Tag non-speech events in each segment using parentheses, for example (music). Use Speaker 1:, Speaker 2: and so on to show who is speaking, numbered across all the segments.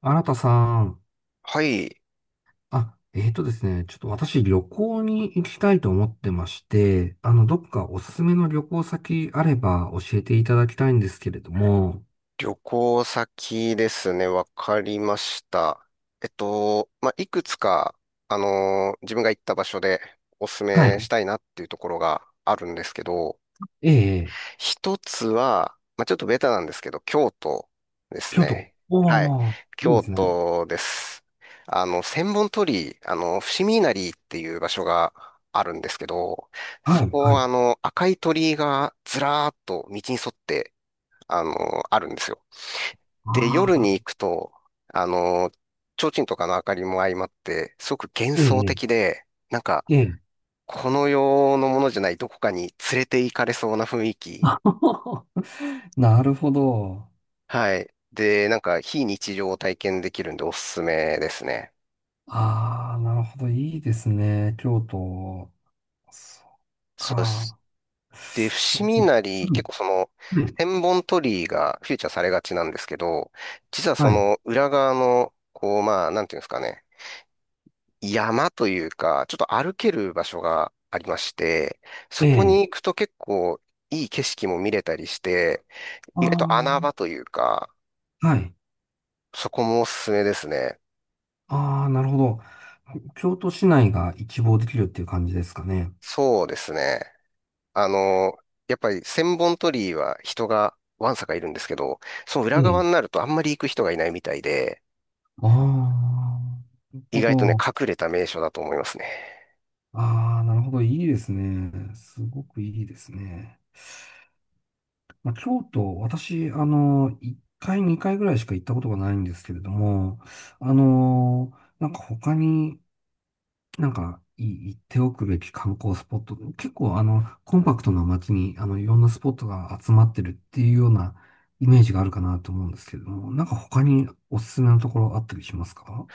Speaker 1: 新田さん、
Speaker 2: はい。
Speaker 1: あ、えーとですね、ちょっと私旅行に行きたいと思ってまして、どっかおすすめの旅行先あれば教えていただきたいんですけれども、
Speaker 2: 旅行先ですね。わかりました。いくつか、自分が行った場所でおすす
Speaker 1: は
Speaker 2: めし
Speaker 1: い。
Speaker 2: たいなっていうところがあるんですけど、
Speaker 1: ええ、
Speaker 2: 一つは、まあ、ちょっとベタなんですけど、京都です
Speaker 1: 京都。
Speaker 2: ね。はい。
Speaker 1: おー、いい
Speaker 2: 京
Speaker 1: ですね。
Speaker 2: 都です。千本鳥居、伏見稲荷っていう場所があるんですけど、
Speaker 1: は
Speaker 2: そ
Speaker 1: い、
Speaker 2: こ
Speaker 1: は
Speaker 2: は
Speaker 1: い。
Speaker 2: 赤い鳥居がずらーっと道に沿って、あの、あるんですよ。で、
Speaker 1: あ
Speaker 2: 夜
Speaker 1: あ、
Speaker 2: に行くと、あの、提灯とかの明かりも相まって、すごく幻
Speaker 1: え
Speaker 2: 想
Speaker 1: え、
Speaker 2: 的で、なんか、
Speaker 1: ええ。
Speaker 2: この世のものじゃないどこかに連れて行かれそうな雰囲
Speaker 1: (laughs)
Speaker 2: 気。
Speaker 1: あははなるほど。
Speaker 2: はい。で、なんか、非日常を体験できるんでおすすめですね。
Speaker 1: ああ、なるほど。いいですね。京都。そっ
Speaker 2: そうです。
Speaker 1: か。
Speaker 2: で、伏見稲荷、
Speaker 1: う
Speaker 2: 結
Speaker 1: ん、
Speaker 2: 構その、
Speaker 1: うん
Speaker 2: 千本鳥居がフィーチャーされがちなんですけど、実はそ
Speaker 1: はい。
Speaker 2: の裏側の、こう、まあ、なんていうんですかね。山というか、ちょっと歩ける場所がありまして、そ
Speaker 1: え
Speaker 2: こに
Speaker 1: え。
Speaker 2: 行くと結構いい景色も見れたりして、意外と穴
Speaker 1: あ
Speaker 2: 場というか、
Speaker 1: あ、はい。
Speaker 2: そこもおすすめですね。
Speaker 1: ああ、なるほど。京都市内が一望できるっていう感じですかね？
Speaker 2: そうですね。あの、やっぱり千本鳥居は人がわんさかいるんですけど、その
Speaker 1: え
Speaker 2: 裏側に
Speaker 1: え。
Speaker 2: なるとあんまり行く人がいないみたいで、
Speaker 1: ああ、なる
Speaker 2: 意
Speaker 1: ほ
Speaker 2: 外とね、
Speaker 1: ど。
Speaker 2: 隠れた名所だと思いますね。
Speaker 1: ああ、なるほど。いいですね。すごくいいですね。まあ、京都、私、1回、2回ぐらいしか行ったことがないんですけれども、あの、なんか他になんか、行っておくべき観光スポット、結構コンパクトな街に、いろんなスポットが集まってるっていうようなイメージがあるかなと思うんですけれども、なんか他におすすめのところあったりしますか？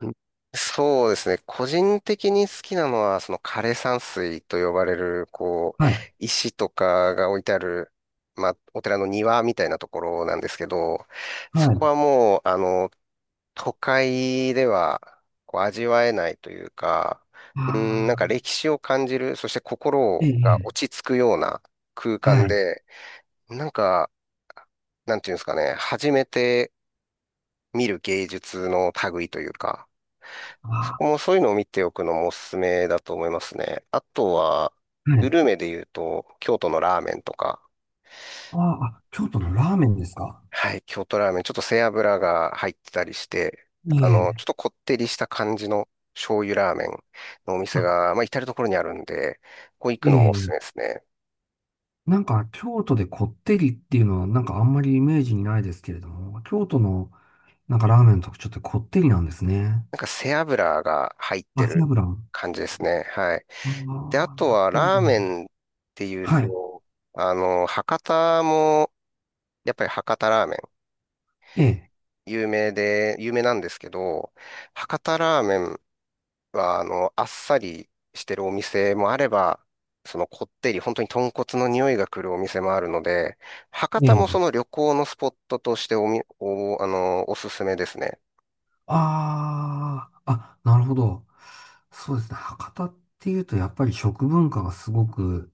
Speaker 2: うん、そうですね。個人的に好きなのは、その枯山水と呼ばれる、こう、
Speaker 1: はい、
Speaker 2: 石とかが置いてある、まあ、お寺の庭みたいなところなんですけど、そ
Speaker 1: は
Speaker 2: こ
Speaker 1: い。
Speaker 2: はもう、都会では、こう、味わえないというか、うん、なんか
Speaker 1: ああ、
Speaker 2: 歴史を感じる、そして
Speaker 1: え
Speaker 2: 心
Speaker 1: え、
Speaker 2: が
Speaker 1: ええ
Speaker 2: 落ち着くような空
Speaker 1: は
Speaker 2: 間
Speaker 1: い。
Speaker 2: で、なんか、なんていうんですかね、初めて見る芸術の類というか、そ
Speaker 1: あ
Speaker 2: こもそういうのを見ておくのもおすすめだと思いますね。あとは、
Speaker 1: あ、は
Speaker 2: グ
Speaker 1: い。
Speaker 2: ルメで言うと、京都のラーメンとか、
Speaker 1: ああ、あ京都のラーメンですか？
Speaker 2: はい、京都ラーメン、ちょっと背脂が入ってたりして、
Speaker 1: い
Speaker 2: ち
Speaker 1: え、
Speaker 2: ょっとこってりした感じの醤油ラーメンのお店
Speaker 1: あ、
Speaker 2: が、まあ、至るところにあるんで、ここ行
Speaker 1: え
Speaker 2: くのもおすすめで
Speaker 1: え、
Speaker 2: すね。
Speaker 1: なんか京都でこってりっていうのはなんかあんまりイメージにないですけれども、京都のなんかラーメンの特徴ってこってりなんですね。
Speaker 2: なんか背脂が入って
Speaker 1: 秋
Speaker 2: る
Speaker 1: 油。
Speaker 2: 感じですね。はい。
Speaker 1: あ
Speaker 2: で、あ
Speaker 1: あ、
Speaker 2: と
Speaker 1: なる
Speaker 2: は
Speaker 1: ほど。
Speaker 2: ラーメンっていう
Speaker 1: はい。
Speaker 2: と、博多も、やっぱり博多ラーメン
Speaker 1: ええ、
Speaker 2: 有名で、有名なんですけど、博多ラーメンは、あっさりしてるお店もあれば、そのこってり、本当に豚骨の匂いが来るお店もあるので、博
Speaker 1: え
Speaker 2: 多もそ
Speaker 1: え。
Speaker 2: の旅行のスポットとしておみ、お、あの、おすすめですね。
Speaker 1: ああ、あ、なるほど。そうですね。博多っていうと、やっぱり食文化がすごく、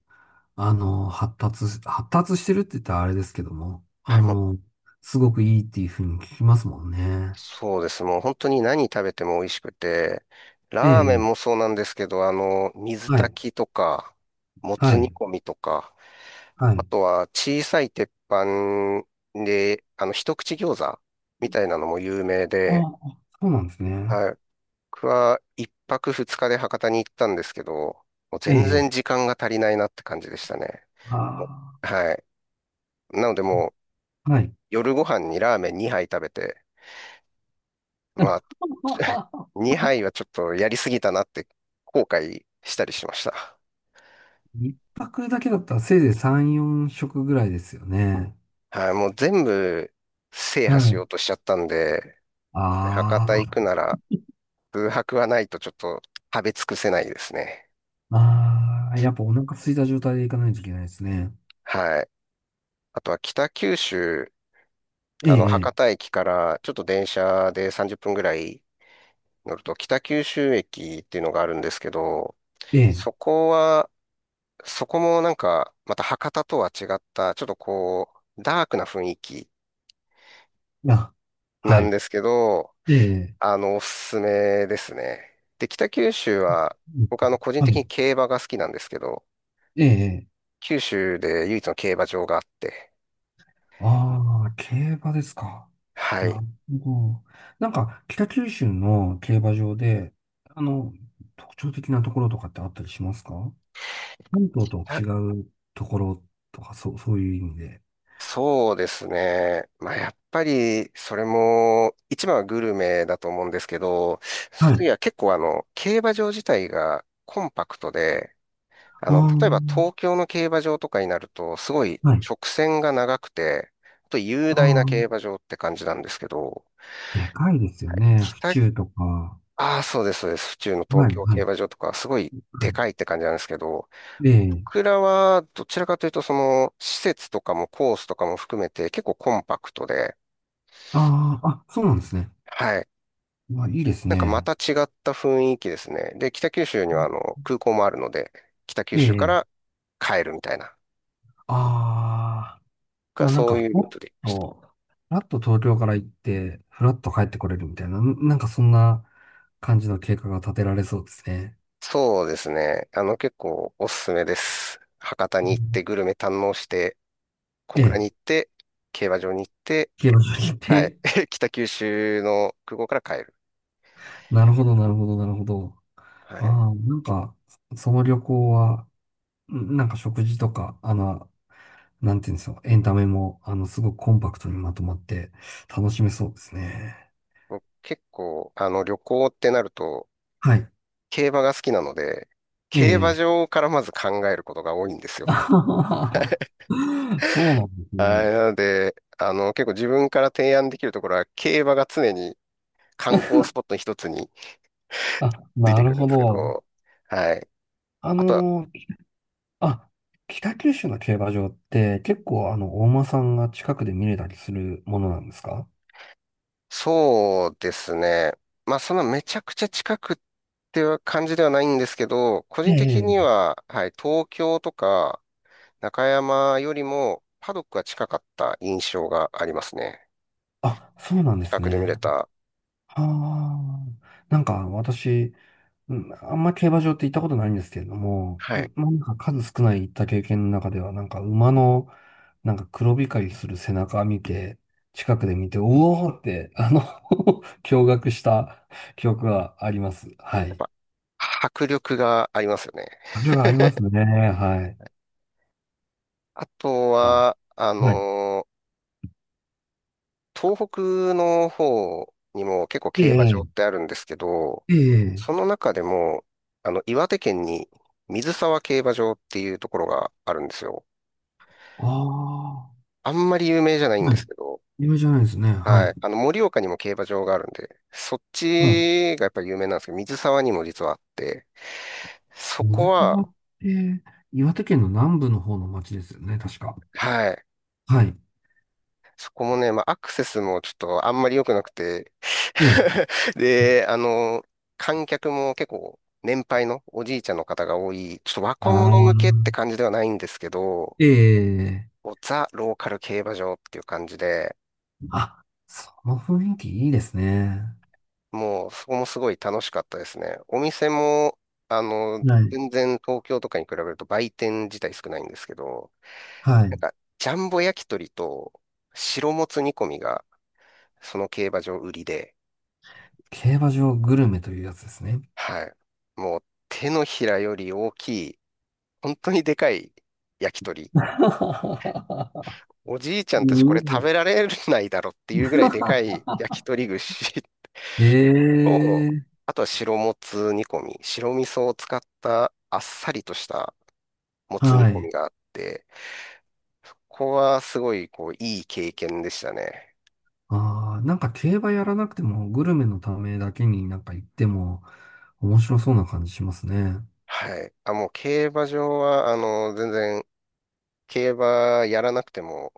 Speaker 1: 発達してるって言ったらあれですけども、
Speaker 2: はい、もう、
Speaker 1: すごくいいっていうふうに聞きますもんね。
Speaker 2: そうです。もう本当に何食べても美味しくて、
Speaker 1: え
Speaker 2: ラーメン
Speaker 1: え、
Speaker 2: もそうなんですけど、水
Speaker 1: はい、
Speaker 2: 炊きとか、も
Speaker 1: は
Speaker 2: つ
Speaker 1: い、
Speaker 2: 煮込みとか、
Speaker 1: は
Speaker 2: あ
Speaker 1: い。
Speaker 2: とは小さい鉄板で、一口餃子みたいなのも有名
Speaker 1: あ
Speaker 2: で、
Speaker 1: あ、そうなんですね。
Speaker 2: はい。僕は1泊2日で博多に行ったんですけど、もう
Speaker 1: え
Speaker 2: 全然
Speaker 1: え、
Speaker 2: 時間が足りないなって感じでしたね。
Speaker 1: あ
Speaker 2: もう、はい。なのでもう
Speaker 1: あ、はい。
Speaker 2: 夜ご飯にラーメン2杯食べて、まあ、(laughs)
Speaker 1: (laughs)
Speaker 2: 2杯はちょっとやりすぎたなって後悔したりしました。
Speaker 1: 一泊だけだったらせいぜい3、4食ぐらいですよね。
Speaker 2: はい。もう全部制
Speaker 1: は
Speaker 2: 覇しよ
Speaker 1: い
Speaker 2: うとしちゃったんで、博多
Speaker 1: あ
Speaker 2: 行くなら空白はないとちょっと食べ尽くせないですね。
Speaker 1: あ、ああ、やっぱお腹空いた状態で行かないといけないですね。
Speaker 2: はい。あとは北九州、
Speaker 1: ええ、
Speaker 2: 博多駅からちょっと電車で30分ぐらい乗ると北九州駅っていうのがあるんですけど、
Speaker 1: ええ、ええ、
Speaker 2: そこは、そこもなんかまた博多とは違った、ちょっとこう、ダークな雰囲気
Speaker 1: あ、
Speaker 2: な
Speaker 1: は
Speaker 2: ん
Speaker 1: い、
Speaker 2: ですけど、
Speaker 1: ええ、
Speaker 2: おすすめですね。で、北九州
Speaker 1: あ
Speaker 2: は、
Speaker 1: うん
Speaker 2: 僕個人
Speaker 1: は
Speaker 2: 的
Speaker 1: い、
Speaker 2: に競馬が好きなんですけど、
Speaker 1: ええ、
Speaker 2: 九州で唯一の競馬場があって、
Speaker 1: ああ、競馬ですか。
Speaker 2: は
Speaker 1: な
Speaker 2: い。
Speaker 1: るほど。なんか、北九州の競馬場で、あの、特徴的なところとかってあったりしますか？本島とは違うところとか、そう、そういう意味で。
Speaker 2: そうですね。まあ、やっぱり、それも、一番はグルメだと思うんですけど、その
Speaker 1: はい。
Speaker 2: 次は結構競馬場自体がコンパクトで、例えば
Speaker 1: あ
Speaker 2: 東京の競馬場とかになると、すごい
Speaker 1: あ、はい。
Speaker 2: 直線が長くて、あと雄
Speaker 1: ああ、
Speaker 2: 大な競馬場って感じなんですけど、
Speaker 1: でかいですよね。府
Speaker 2: 北、
Speaker 1: 中とか。
Speaker 2: ああ、そうです、そうです。府中の東
Speaker 1: はい、
Speaker 2: 京
Speaker 1: は
Speaker 2: 競
Speaker 1: い、
Speaker 2: 馬場とかはすごいでかい
Speaker 1: は
Speaker 2: って感じなんですけど、
Speaker 1: い。ええ。
Speaker 2: 僕らはどちらかというと、その、施設とかもコースとかも含めて結構コンパクトで、
Speaker 1: ああ、あ、そうなんですね。
Speaker 2: はい。
Speaker 1: まあ、いいです
Speaker 2: なんかま
Speaker 1: ね。
Speaker 2: た違った雰囲気ですね。で、北九州には空港もあるので、北九
Speaker 1: え
Speaker 2: 州か
Speaker 1: え。
Speaker 2: ら帰るみたいな、
Speaker 1: ああ、
Speaker 2: が
Speaker 1: もうなん
Speaker 2: そ
Speaker 1: か、
Speaker 2: ういうルートで行きました。
Speaker 1: と、ふらっと東京から行って、ふらっと帰ってこれるみたいな、なんかそんな感じの計画が立てられそうですね。
Speaker 2: そうですね。あの結構おすすめです。博多
Speaker 1: う
Speaker 2: に行って
Speaker 1: ん
Speaker 2: グルメ堪能して、小
Speaker 1: え
Speaker 2: 倉に
Speaker 1: え、
Speaker 2: 行って、競馬場に行って、
Speaker 1: 消えましょうっ
Speaker 2: はい。
Speaker 1: て。
Speaker 2: (laughs) 北九州の空港から帰る。
Speaker 1: (laughs) なるほど、なるほど、なるほど。
Speaker 2: は
Speaker 1: あ
Speaker 2: い。
Speaker 1: あ、なんか、その旅行は、なんか食事とか、なんていうんですか、エンタメも、すごくコンパクトにまとまって楽しめそうですね。
Speaker 2: 僕結構、あの旅行ってなると、
Speaker 1: はい。
Speaker 2: 競馬が好きなので、
Speaker 1: え
Speaker 2: 競馬
Speaker 1: え。
Speaker 2: 場からまず考えることが多いんです
Speaker 1: (laughs)
Speaker 2: よ。
Speaker 1: あはははそうなんです
Speaker 2: あ
Speaker 1: ね。
Speaker 2: れなので、結構自分から提案できるところは、競馬が常に観光スポットの一つに
Speaker 1: あ、
Speaker 2: つい
Speaker 1: な
Speaker 2: てく
Speaker 1: る
Speaker 2: るん
Speaker 1: ほ
Speaker 2: ですけ
Speaker 1: ど。
Speaker 2: ど、はい。
Speaker 1: あ
Speaker 2: あと、
Speaker 1: の、あ、北九州の競馬場って結構お馬さんが近くで見れたりするものなんですか？
Speaker 2: そうですね。まあ、そんなめちゃくちゃ近くっていう感じではないんですけど、個
Speaker 1: え
Speaker 2: 人的に
Speaker 1: え。
Speaker 2: は、はい、東京とか中山よりもパドックが近かった印象がありますね。
Speaker 1: あ、そうなんで
Speaker 2: 近
Speaker 1: す
Speaker 2: くで見
Speaker 1: ね。
Speaker 2: れた。
Speaker 1: ああ。なんか私、うん、あんま競馬場って行ったことないんですけれども、
Speaker 2: はい。や
Speaker 1: まあ、なんか数少ない行った経験の中では、なんか馬の、なんか黒光りする背中見て、近くで見て、うおーって、(laughs) 驚愕した記憶があります。は
Speaker 2: っ
Speaker 1: い。
Speaker 2: ぱ、迫力がありますよね。
Speaker 1: あれはありますね。はい。
Speaker 2: あと
Speaker 1: あ、
Speaker 2: は、
Speaker 1: はい。
Speaker 2: 東北の方にも結構
Speaker 1: え
Speaker 2: 競馬場
Speaker 1: え、
Speaker 2: ってあるんですけど、
Speaker 1: ええ、
Speaker 2: その中でも、岩手県に水沢競馬場っていうところがあるんですよ。
Speaker 1: ああ、
Speaker 2: あんまり有名じゃないん
Speaker 1: は
Speaker 2: で
Speaker 1: い。
Speaker 2: すけど、
Speaker 1: 有じゃないですね。は
Speaker 2: は
Speaker 1: い。
Speaker 2: い。盛岡にも競馬場があるんで、そっ
Speaker 1: はい。
Speaker 2: ちがやっぱり有名なんですけど、水沢にも実はあって、そ
Speaker 1: 野
Speaker 2: こ
Speaker 1: 付川
Speaker 2: は、
Speaker 1: って、岩手県の南部の方の町ですよね、確か。
Speaker 2: はい。
Speaker 1: はい。
Speaker 2: そこもね、まあ、アクセスもちょっとあんまり良くなくて
Speaker 1: ええ。
Speaker 2: (laughs) で、観客も結構年配のおじいちゃんの方が多い、ちょっと若
Speaker 1: あ
Speaker 2: 者向けって
Speaker 1: あ。
Speaker 2: 感じではないんですけど、
Speaker 1: ええ、
Speaker 2: ザ・ローカル競馬場っていう感じで、
Speaker 1: あ、その雰囲気いいですね。
Speaker 2: もうそこもすごい楽しかったですね。お店も、あの、
Speaker 1: はい。
Speaker 2: 全然東京とかに比べると売店自体少ないんですけど、
Speaker 1: は
Speaker 2: なん
Speaker 1: い。
Speaker 2: か、ジャンボ焼き鳥と白もつ煮込みがその競馬場売りで、
Speaker 1: 競馬場グルメというやつですね。
Speaker 2: はい。もう手のひらより大きい、本当にでかい焼き鳥。
Speaker 1: (laughs)
Speaker 2: おじいちゃ
Speaker 1: す
Speaker 2: んたちこ
Speaker 1: ご
Speaker 2: れ食
Speaker 1: い
Speaker 2: べられないだろっていうぐらいでかい焼き鳥串
Speaker 1: え
Speaker 2: と、
Speaker 1: え、
Speaker 2: あとは白もつ煮込み。白味噌を使ったあっさりとしたもつ煮
Speaker 1: は
Speaker 2: 込
Speaker 1: い。
Speaker 2: みがあって、ここはすごいこういい経験でしたね。
Speaker 1: ああ、なんか競馬やらなくてもグルメのためだけになんか行っても面白そうな感じしますね。
Speaker 2: はい。あ、もう競馬場は、全然競馬やらなくても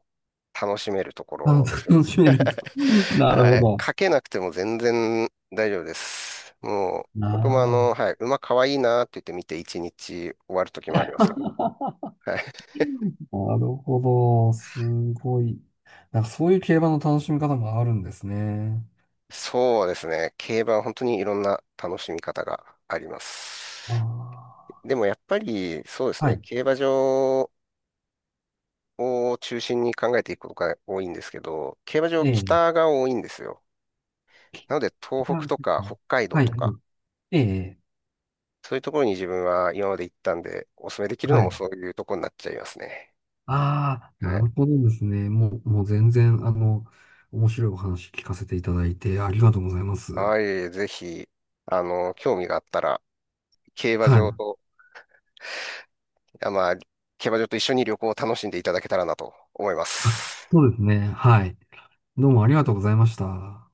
Speaker 2: 楽しめるところですよね。
Speaker 1: 楽しめると。(laughs) なる
Speaker 2: は
Speaker 1: ほ
Speaker 2: い。
Speaker 1: ど。
Speaker 2: 書けなくても全然大丈夫です。もう、僕も
Speaker 1: ああ、
Speaker 2: はい、馬かわいいなって言って見て一日終わる時もありますから。はい。
Speaker 1: なるほど。すごい。なんかそういう競馬の楽しみ方もあるんですね。
Speaker 2: そうですね。競馬は本当にいろんな楽しみ方があります。
Speaker 1: あ
Speaker 2: でもやっぱり、そうです
Speaker 1: あ、は
Speaker 2: ね。
Speaker 1: い。
Speaker 2: 競馬場を中心に考えていくことが多いんですけど、競馬場
Speaker 1: え
Speaker 2: 北
Speaker 1: え
Speaker 2: が多いんですよ。なので、東
Speaker 1: な
Speaker 2: 北
Speaker 1: る
Speaker 2: と
Speaker 1: ほ
Speaker 2: か
Speaker 1: ど
Speaker 2: 北海道
Speaker 1: はい。
Speaker 2: と
Speaker 1: はい
Speaker 2: か、
Speaker 1: ええ、
Speaker 2: そういうところに自分は今まで行ったんで、お勧めできるの
Speaker 1: は
Speaker 2: も
Speaker 1: い。
Speaker 2: そういうところになっちゃいますね。
Speaker 1: ああ、な
Speaker 2: はい、
Speaker 1: るほどですね。もう全然、面白いお話聞かせていただいてありがとうございます。
Speaker 2: はい、ぜひ、興味があったら、競馬
Speaker 1: は
Speaker 2: 場
Speaker 1: い。
Speaker 2: と、あ、まあ、競馬場と一緒に旅行を楽しんでいただけたらなと思いま
Speaker 1: あ、
Speaker 2: す。
Speaker 1: そうですね。はい。どうもありがとうございました。